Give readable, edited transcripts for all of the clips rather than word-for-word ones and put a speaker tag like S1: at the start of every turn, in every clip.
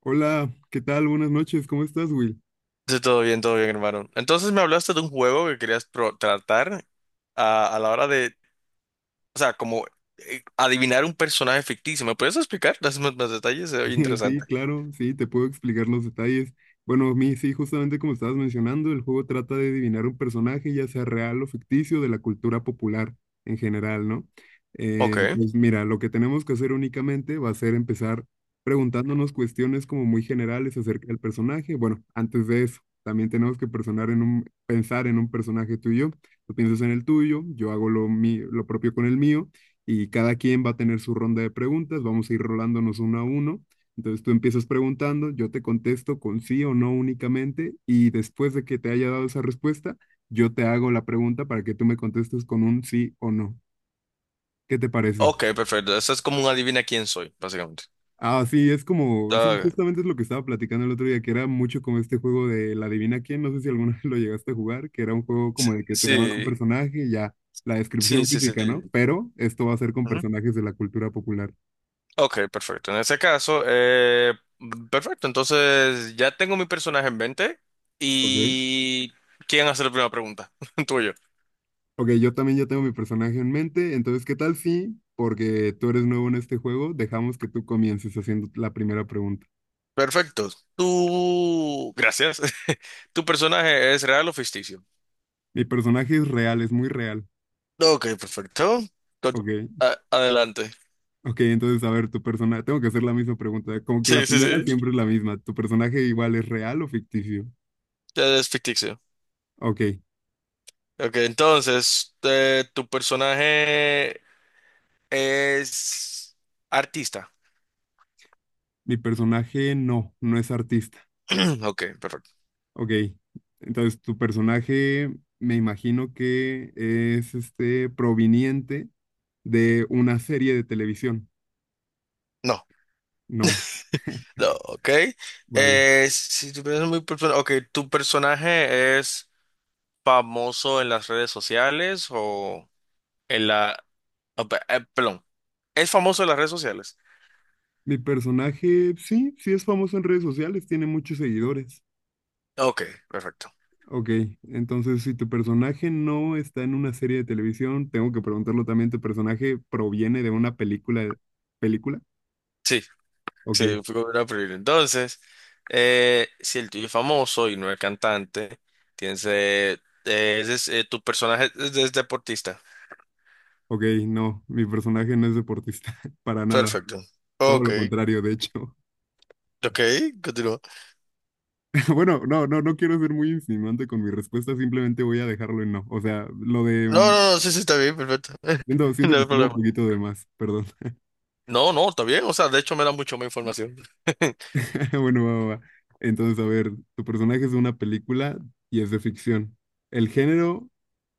S1: Hola, ¿qué tal? Buenas noches, ¿cómo estás, Will?
S2: Sí, todo bien, hermano. Entonces me hablaste de un juego que querías tratar a la hora de, o sea, como adivinar un personaje ficticio. ¿Me puedes explicar? Dame más detalles, es
S1: Sí,
S2: interesante.
S1: claro, sí, te puedo explicar los detalles. Bueno, a mí sí, justamente como estabas mencionando, el juego trata de adivinar un personaje, ya sea real o ficticio, de la cultura popular en general, ¿no?
S2: Ok,
S1: Pues mira, lo que tenemos que hacer únicamente va a ser empezar preguntándonos cuestiones como muy generales acerca del personaje. Bueno, antes de eso, también tenemos que pensar en un personaje tuyo. Tú piensas en el tuyo, yo hago lo propio con el mío. Y cada quien va a tener su ronda de preguntas, vamos a ir rolándonos uno a uno, entonces tú empiezas preguntando, yo te contesto con sí o no únicamente, y después de que te haya dado esa respuesta, yo te hago la pregunta para que tú me contestes con un sí o no. ¿Qué te parece?
S2: ok, perfecto. Eso es como un adivina quién soy, básicamente.
S1: Ah, sí, es como, sí,
S2: Ah,
S1: justamente es lo que estaba platicando el otro día, que era mucho como este juego de la adivina quién, no sé si alguna vez lo llegaste a jugar, que era un juego como de que te daban un
S2: sí,
S1: personaje y ya la
S2: sí,
S1: descripción
S2: sí, sí.
S1: física, ¿no? Pero esto va a ser con
S2: Ujú.
S1: personajes de la cultura popular,
S2: Ok, perfecto. En ese caso, perfecto. Entonces ya tengo mi personaje en mente
S1: ¿ok?
S2: y ¿quién hace la primera pregunta? Tuyo.
S1: Ok, yo también ya tengo mi personaje en mente, entonces, ¿qué tal si, porque tú eres nuevo en este juego, dejamos que tú comiences haciendo la primera pregunta?
S2: Perfecto. Tú, gracias. ¿Tu personaje es real o ficticio?
S1: Mi personaje es real, es muy real.
S2: Ok, perfecto. Con-
S1: Ok,
S2: adelante.
S1: ok, entonces, a ver, tu personaje, tengo que hacer la misma pregunta, como que la
S2: Sí, sí,
S1: primera
S2: sí.
S1: siempre es la misma, ¿tu personaje igual es real o ficticio?
S2: Ya es ficticio.
S1: Ok,
S2: Ok, entonces, ¿tu personaje es artista?
S1: mi personaje no es artista.
S2: Ok, perfecto.
S1: Ok, entonces, tu personaje me imagino que es este proveniente de una serie de televisión.
S2: No,
S1: No,
S2: no, ok.
S1: vale.
S2: Si tu personaje es muy ok, ¿tu personaje es famoso en las redes sociales o en la... ah, perdón, ¿es famoso en las redes sociales?
S1: Mi personaje, sí, sí es famoso en redes sociales, tiene muchos seguidores.
S2: Ok, perfecto.
S1: Ok, entonces si tu personaje no está en una serie de televisión, tengo que preguntarlo también, ¿tu personaje proviene de una película? ¿Película?
S2: Sí,
S1: Ok,
S2: sí, fui con una prioridad. Entonces, si el tuyo es famoso y no es cantante, tienes, tu personaje es deportista.
S1: ok, no, mi personaje no es deportista, para nada,
S2: Perfecto.
S1: todo
S2: Ok,
S1: lo contrario, de hecho.
S2: ok, continúa.
S1: Bueno, no quiero ser muy insinuante con mi respuesta, simplemente voy a dejarlo en no. O sea, lo de...
S2: No, no, no, sí, sí, está bien, perfecto.
S1: Siento, siento
S2: No
S1: que
S2: hay
S1: estuvo un
S2: problema.
S1: poquito de más, perdón.
S2: No, no, está bien. O sea, de hecho me da mucho más información.
S1: Bueno, va. Entonces, a ver, tu personaje es de una película y es de ficción. El género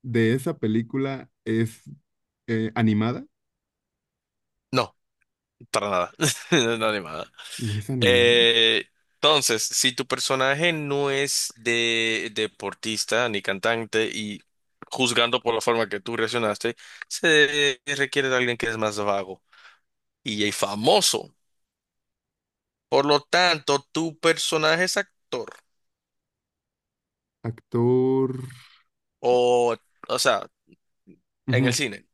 S1: de esa película es animada.
S2: No, para nada. No, animada.
S1: No es animada.
S2: Eh, entonces, si tu personaje no es de deportista ni cantante y juzgando por la forma que tú reaccionaste, se requiere de alguien que es más vago y es famoso. Por lo tanto, tu personaje es actor
S1: Actor.
S2: o, o sea, en el
S1: Ujú.
S2: cine.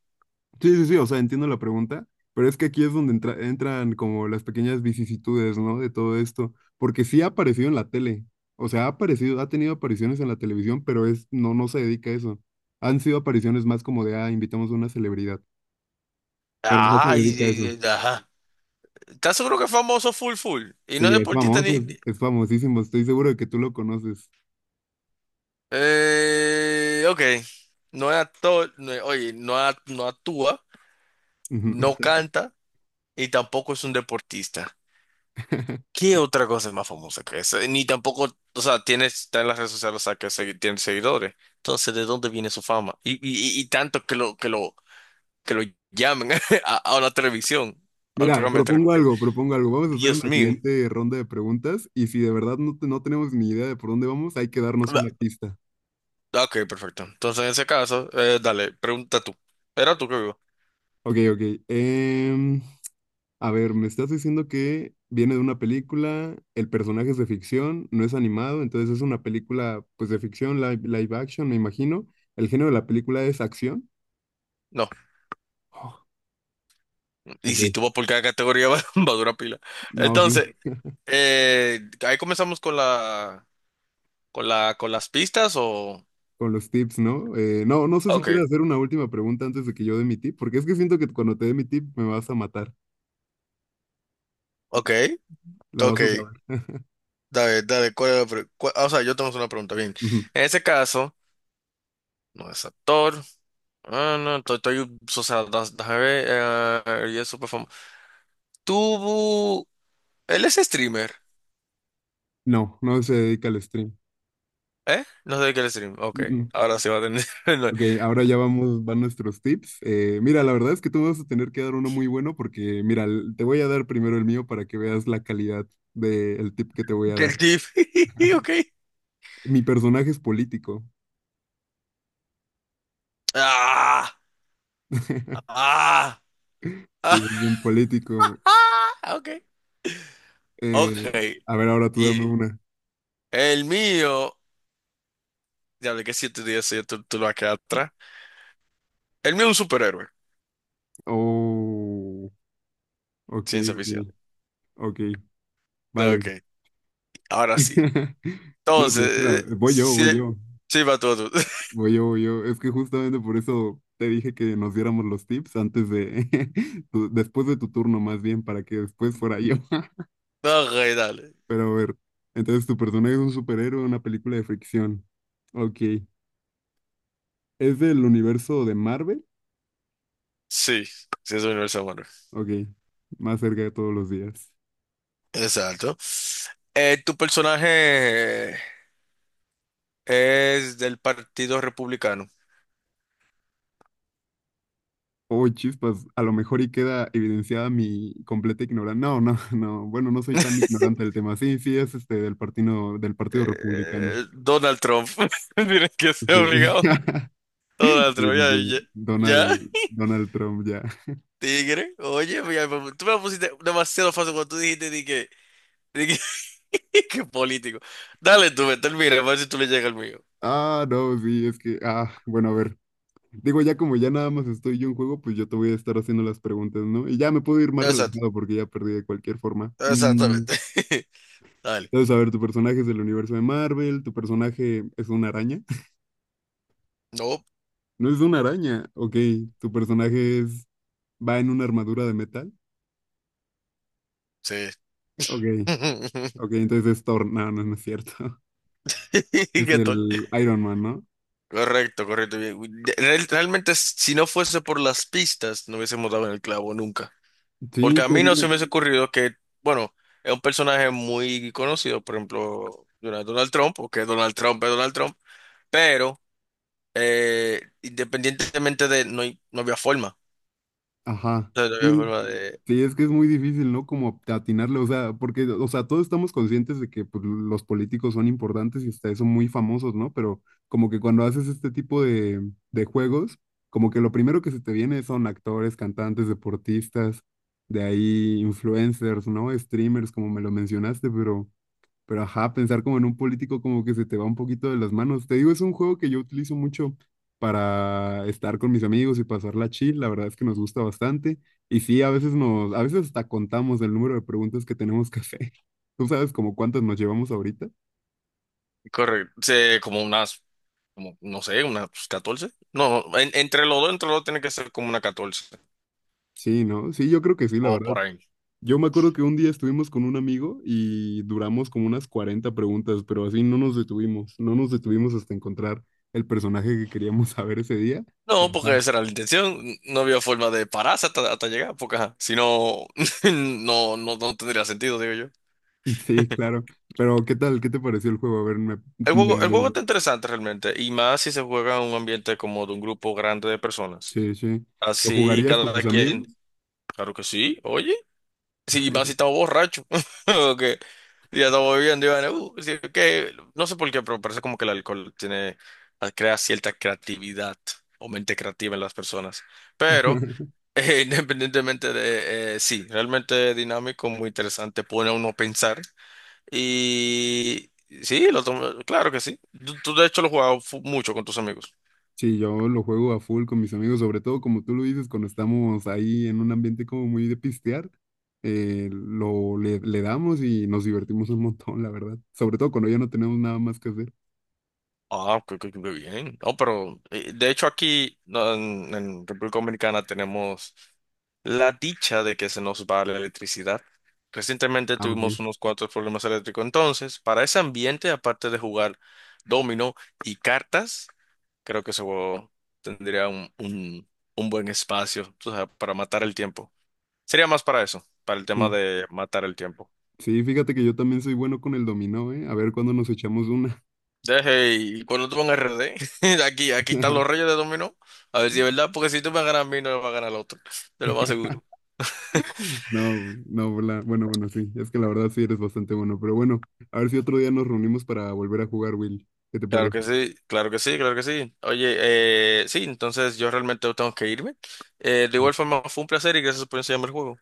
S1: Sí, o sea, entiendo la pregunta, pero es que aquí es donde entran como las pequeñas vicisitudes, ¿no? De todo esto, porque sí ha aparecido en la tele, o sea, ha aparecido, ha tenido apariciones en la televisión, pero es, no, no se dedica a eso. Han sido apariciones más como de, ah, invitamos a una celebridad, pero no se
S2: Ah,
S1: dedica a eso.
S2: ajá. ¿Estás seguro que es famoso full full? Y no es
S1: Sí, es
S2: deportista
S1: famoso, es famosísimo, estoy seguro de que tú lo conoces.
S2: Ok. No es actor, oye, no, no actúa, no
S1: Ujú.
S2: canta y tampoco es un deportista. ¿Qué otra cosa es más famosa que esa? Ni tampoco, o sea, tiene, está en las redes sociales, o sea, que tiene seguidores. Entonces, ¿de dónde viene su fama? Y tanto que lo llamen a la televisión, al
S1: Mira,
S2: programa de
S1: propongo
S2: televisión.
S1: algo, propongo algo. Vamos a hacer
S2: Dios
S1: una
S2: mío.
S1: siguiente ronda de preguntas y si de verdad no, no tenemos ni idea de por dónde vamos, hay que darnos una
S2: Ah,
S1: pista.
S2: ok, perfecto. Entonces, en ese caso, dale, pregunta tú. Era tú que vivo.
S1: Ok. em, a ver, me estás diciendo que viene de una película, el personaje es de ficción, no es animado, entonces es una película pues de ficción, live action, me imagino. El género de la película es acción.
S2: No,
S1: Oh,
S2: y si tú
S1: ok.
S2: vas por cada categoría va a durar pila.
S1: No, sí.
S2: Entonces, eh, ahí comenzamos con las pistas o...
S1: Con los tips, ¿no? No, no sé si quieres
S2: Ok,
S1: hacer una última pregunta antes de que yo dé mi tip, porque es que siento que cuando te dé mi tip me vas a matar,
S2: ok,
S1: la vas
S2: ok.
S1: a saber.
S2: Dale, ¿cuál es la ah, o sea, yo tengo una pregunta, bien.
S1: Ujú.
S2: En ese caso, no es actor. Ah, no, o sea, déjame ver, y es súper famoso. Tuvo... Él es streamer,
S1: No, no se dedica al stream.
S2: ¿eh? No sé de qué es streamer. Ok,
S1: Mm, mm.
S2: ahora sí va a tener...
S1: Ok, ahora ya vamos, van nuestros tips. Mira, la verdad es que tú me vas a tener que dar uno muy bueno porque, mira, te voy a dar primero el mío para que veas la calidad del tip que te voy a
S2: Del
S1: dar.
S2: Tiff. Ok.
S1: Mi personaje es político.
S2: Ah, ah.
S1: Sí,
S2: Ah,
S1: es un político.
S2: ok. Ok.
S1: Eh, a ver, ahora tú dame
S2: Y
S1: una.
S2: el mío. Ya hablé que siete días ya tú lo vas a quedar atrás. El mío es un superhéroe.
S1: Oh, ok,
S2: Ciencia ficción.
S1: ok, ok. Vale.
S2: Ok. Ahora sí.
S1: No, pero
S2: Entonces,
S1: espera,
S2: sí, sí va todo. tú.
S1: voy yo. Es que justamente por eso te dije que nos diéramos los tips antes de, después de tu turno más bien, para que después fuera yo.
S2: Ok, dale.
S1: Pero a ver, entonces tu personaje es un superhéroe en una película de fricción. Ok. ¿Es del universo de Marvel?
S2: Sí. Sí, es un universo humano.
S1: Ok. Más cerca de todos los días.
S2: Exacto. Tu personaje es del Partido Republicano.
S1: Oh, chispas, a lo mejor y queda evidenciada mi completa ignorancia. No. Bueno, no soy tan ignorante del tema. Sí, sí, es este del Partido Republicano.
S2: Donald Trump. Tienes que ser
S1: Sí.
S2: obligado. Donald Trump, ya,
S1: Sí.
S2: ya.
S1: Donald, Donald Trump ya.
S2: Tigre, oye, mira, tú me la pusiste demasiado fácil cuando tú dijiste de que, que político. Dale tú, me termina, a ver si tú le llegas al mío.
S1: Ah, no, sí, es que, ah, bueno, a ver. Digo, ya como ya nada más estoy yo en juego, pues yo te voy a estar haciendo las preguntas, ¿no? Y ya me puedo ir más
S2: Exacto,
S1: relajado porque ya perdí de cualquier forma. Mm.
S2: exactamente. Dale.
S1: Entonces, a ver, tu personaje es del universo de Marvel, tu personaje es una araña.
S2: No,
S1: No es una araña, ok. Tu personaje es, va en una armadura de metal.
S2: sí.
S1: Ok, ok, entonces es Thor. No es cierto. Es
S2: ¿Qué tal?
S1: el Iron Man, ¿no?
S2: Correcto, correcto, bien. Realmente, si no fuese por las pistas, no hubiésemos dado en el clavo nunca.
S1: Sí,
S2: Porque a
S1: te
S2: mí no
S1: digo.
S2: se me hubiese ocurrido que, bueno, es un personaje muy conocido, por ejemplo, Donald Trump, porque Donald Trump es Donald Trump, pero independientemente de, no, no había forma.
S1: Ajá.
S2: O sea, no había
S1: Sí,
S2: forma de...
S1: sí, es que es muy difícil, ¿no? Como atinarle, o sea, porque, o sea, todos estamos conscientes de que pues, los políticos son importantes y hasta eso muy famosos, ¿no? Pero como que cuando haces este tipo de juegos, como que lo primero que se te viene son actores, cantantes, deportistas, de ahí influencers, ¿no? Streamers, como me lo mencionaste, pero... Pero ajá, pensar como en un político como que se te va un poquito de las manos. Te digo, es un juego que yo utilizo mucho para estar con mis amigos y pasarla chill. La verdad es que nos gusta bastante. Y sí, a veces nos, a veces hasta contamos el número de preguntas que tenemos que hacer. ¿Tú sabes como cuántas nos llevamos ahorita?
S2: Correcto. Sí, como unas, como, no sé, unas catorce. No, entre los dos tiene que ser como una catorce.
S1: Sí, ¿no? Sí, yo creo que sí, la
S2: Como
S1: verdad.
S2: por ahí.
S1: Yo me acuerdo que un día estuvimos con un amigo y duramos como unas 40 preguntas, pero así no nos detuvimos, no nos detuvimos hasta encontrar el personaje que queríamos saber ese día.
S2: No, porque esa era la intención. No había forma de pararse hasta llegar, porque ajá, si no, no, no, no tendría sentido, digo yo.
S1: Sí, claro. Pero, ¿qué tal? ¿Qué te pareció el juego? A ver,
S2: El juego
S1: me-
S2: está interesante realmente, y más si se juega en un ambiente como de un grupo grande de personas.
S1: sí, sí. ¿Lo
S2: Así
S1: jugarías con tus
S2: cada
S1: amigos?
S2: quien. Claro que sí, oye. Sí, más si estaba borracho. o que ya estaba bebiendo y van, sí, que, no sé por qué, pero parece como que el alcohol tiene, crea cierta creatividad o mente creativa en las personas. Pero, independientemente de, sí, realmente dinámico, muy interesante, pone a uno a pensar. Y sí, claro que sí. De hecho lo jugabas mucho con tus amigos.
S1: Sí, yo lo juego a full con mis amigos, sobre todo como tú lo dices, cuando estamos ahí en un ambiente como muy de pistear, le damos y nos divertimos un montón, la verdad. Sobre todo cuando ya no tenemos nada más que hacer.
S2: Ah, qué bien. No, pero de hecho aquí no, en República Dominicana tenemos la dicha de que se nos va la electricidad. Recientemente
S1: Ah, ok.
S2: tuvimos unos cuantos problemas eléctricos. Entonces, para ese ambiente, aparte de jugar dominó y cartas, creo que ese juego tendría un buen espacio, tú sabes, para matar el tiempo. Sería más para eso, para el tema
S1: Sí,
S2: de matar el tiempo.
S1: sí, fíjate que yo también soy bueno con el dominó, ¿eh? A ver cuándo nos echamos una.
S2: Deje, y cuando tú en RD, aquí están los reyes de dominó. A ver si es verdad, porque si tú me ganas a mí, no me va a ganar el otro. Te lo más seguro.
S1: No, bueno, bueno, sí, es que la verdad sí eres bastante bueno, pero bueno, a ver si otro día nos reunimos para volver a jugar, Will. ¿Qué te
S2: Claro
S1: parece?
S2: que sí, claro que sí, claro que sí. Oye, sí, entonces yo realmente tengo que irme. De igual forma, fue un placer y gracias por enseñarme el juego.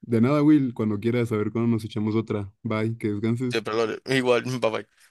S1: De nada, Will, cuando quieras, a ver cuándo nos echamos otra. Bye, que descanses.
S2: Siempre lo haré. Igual, bye bye.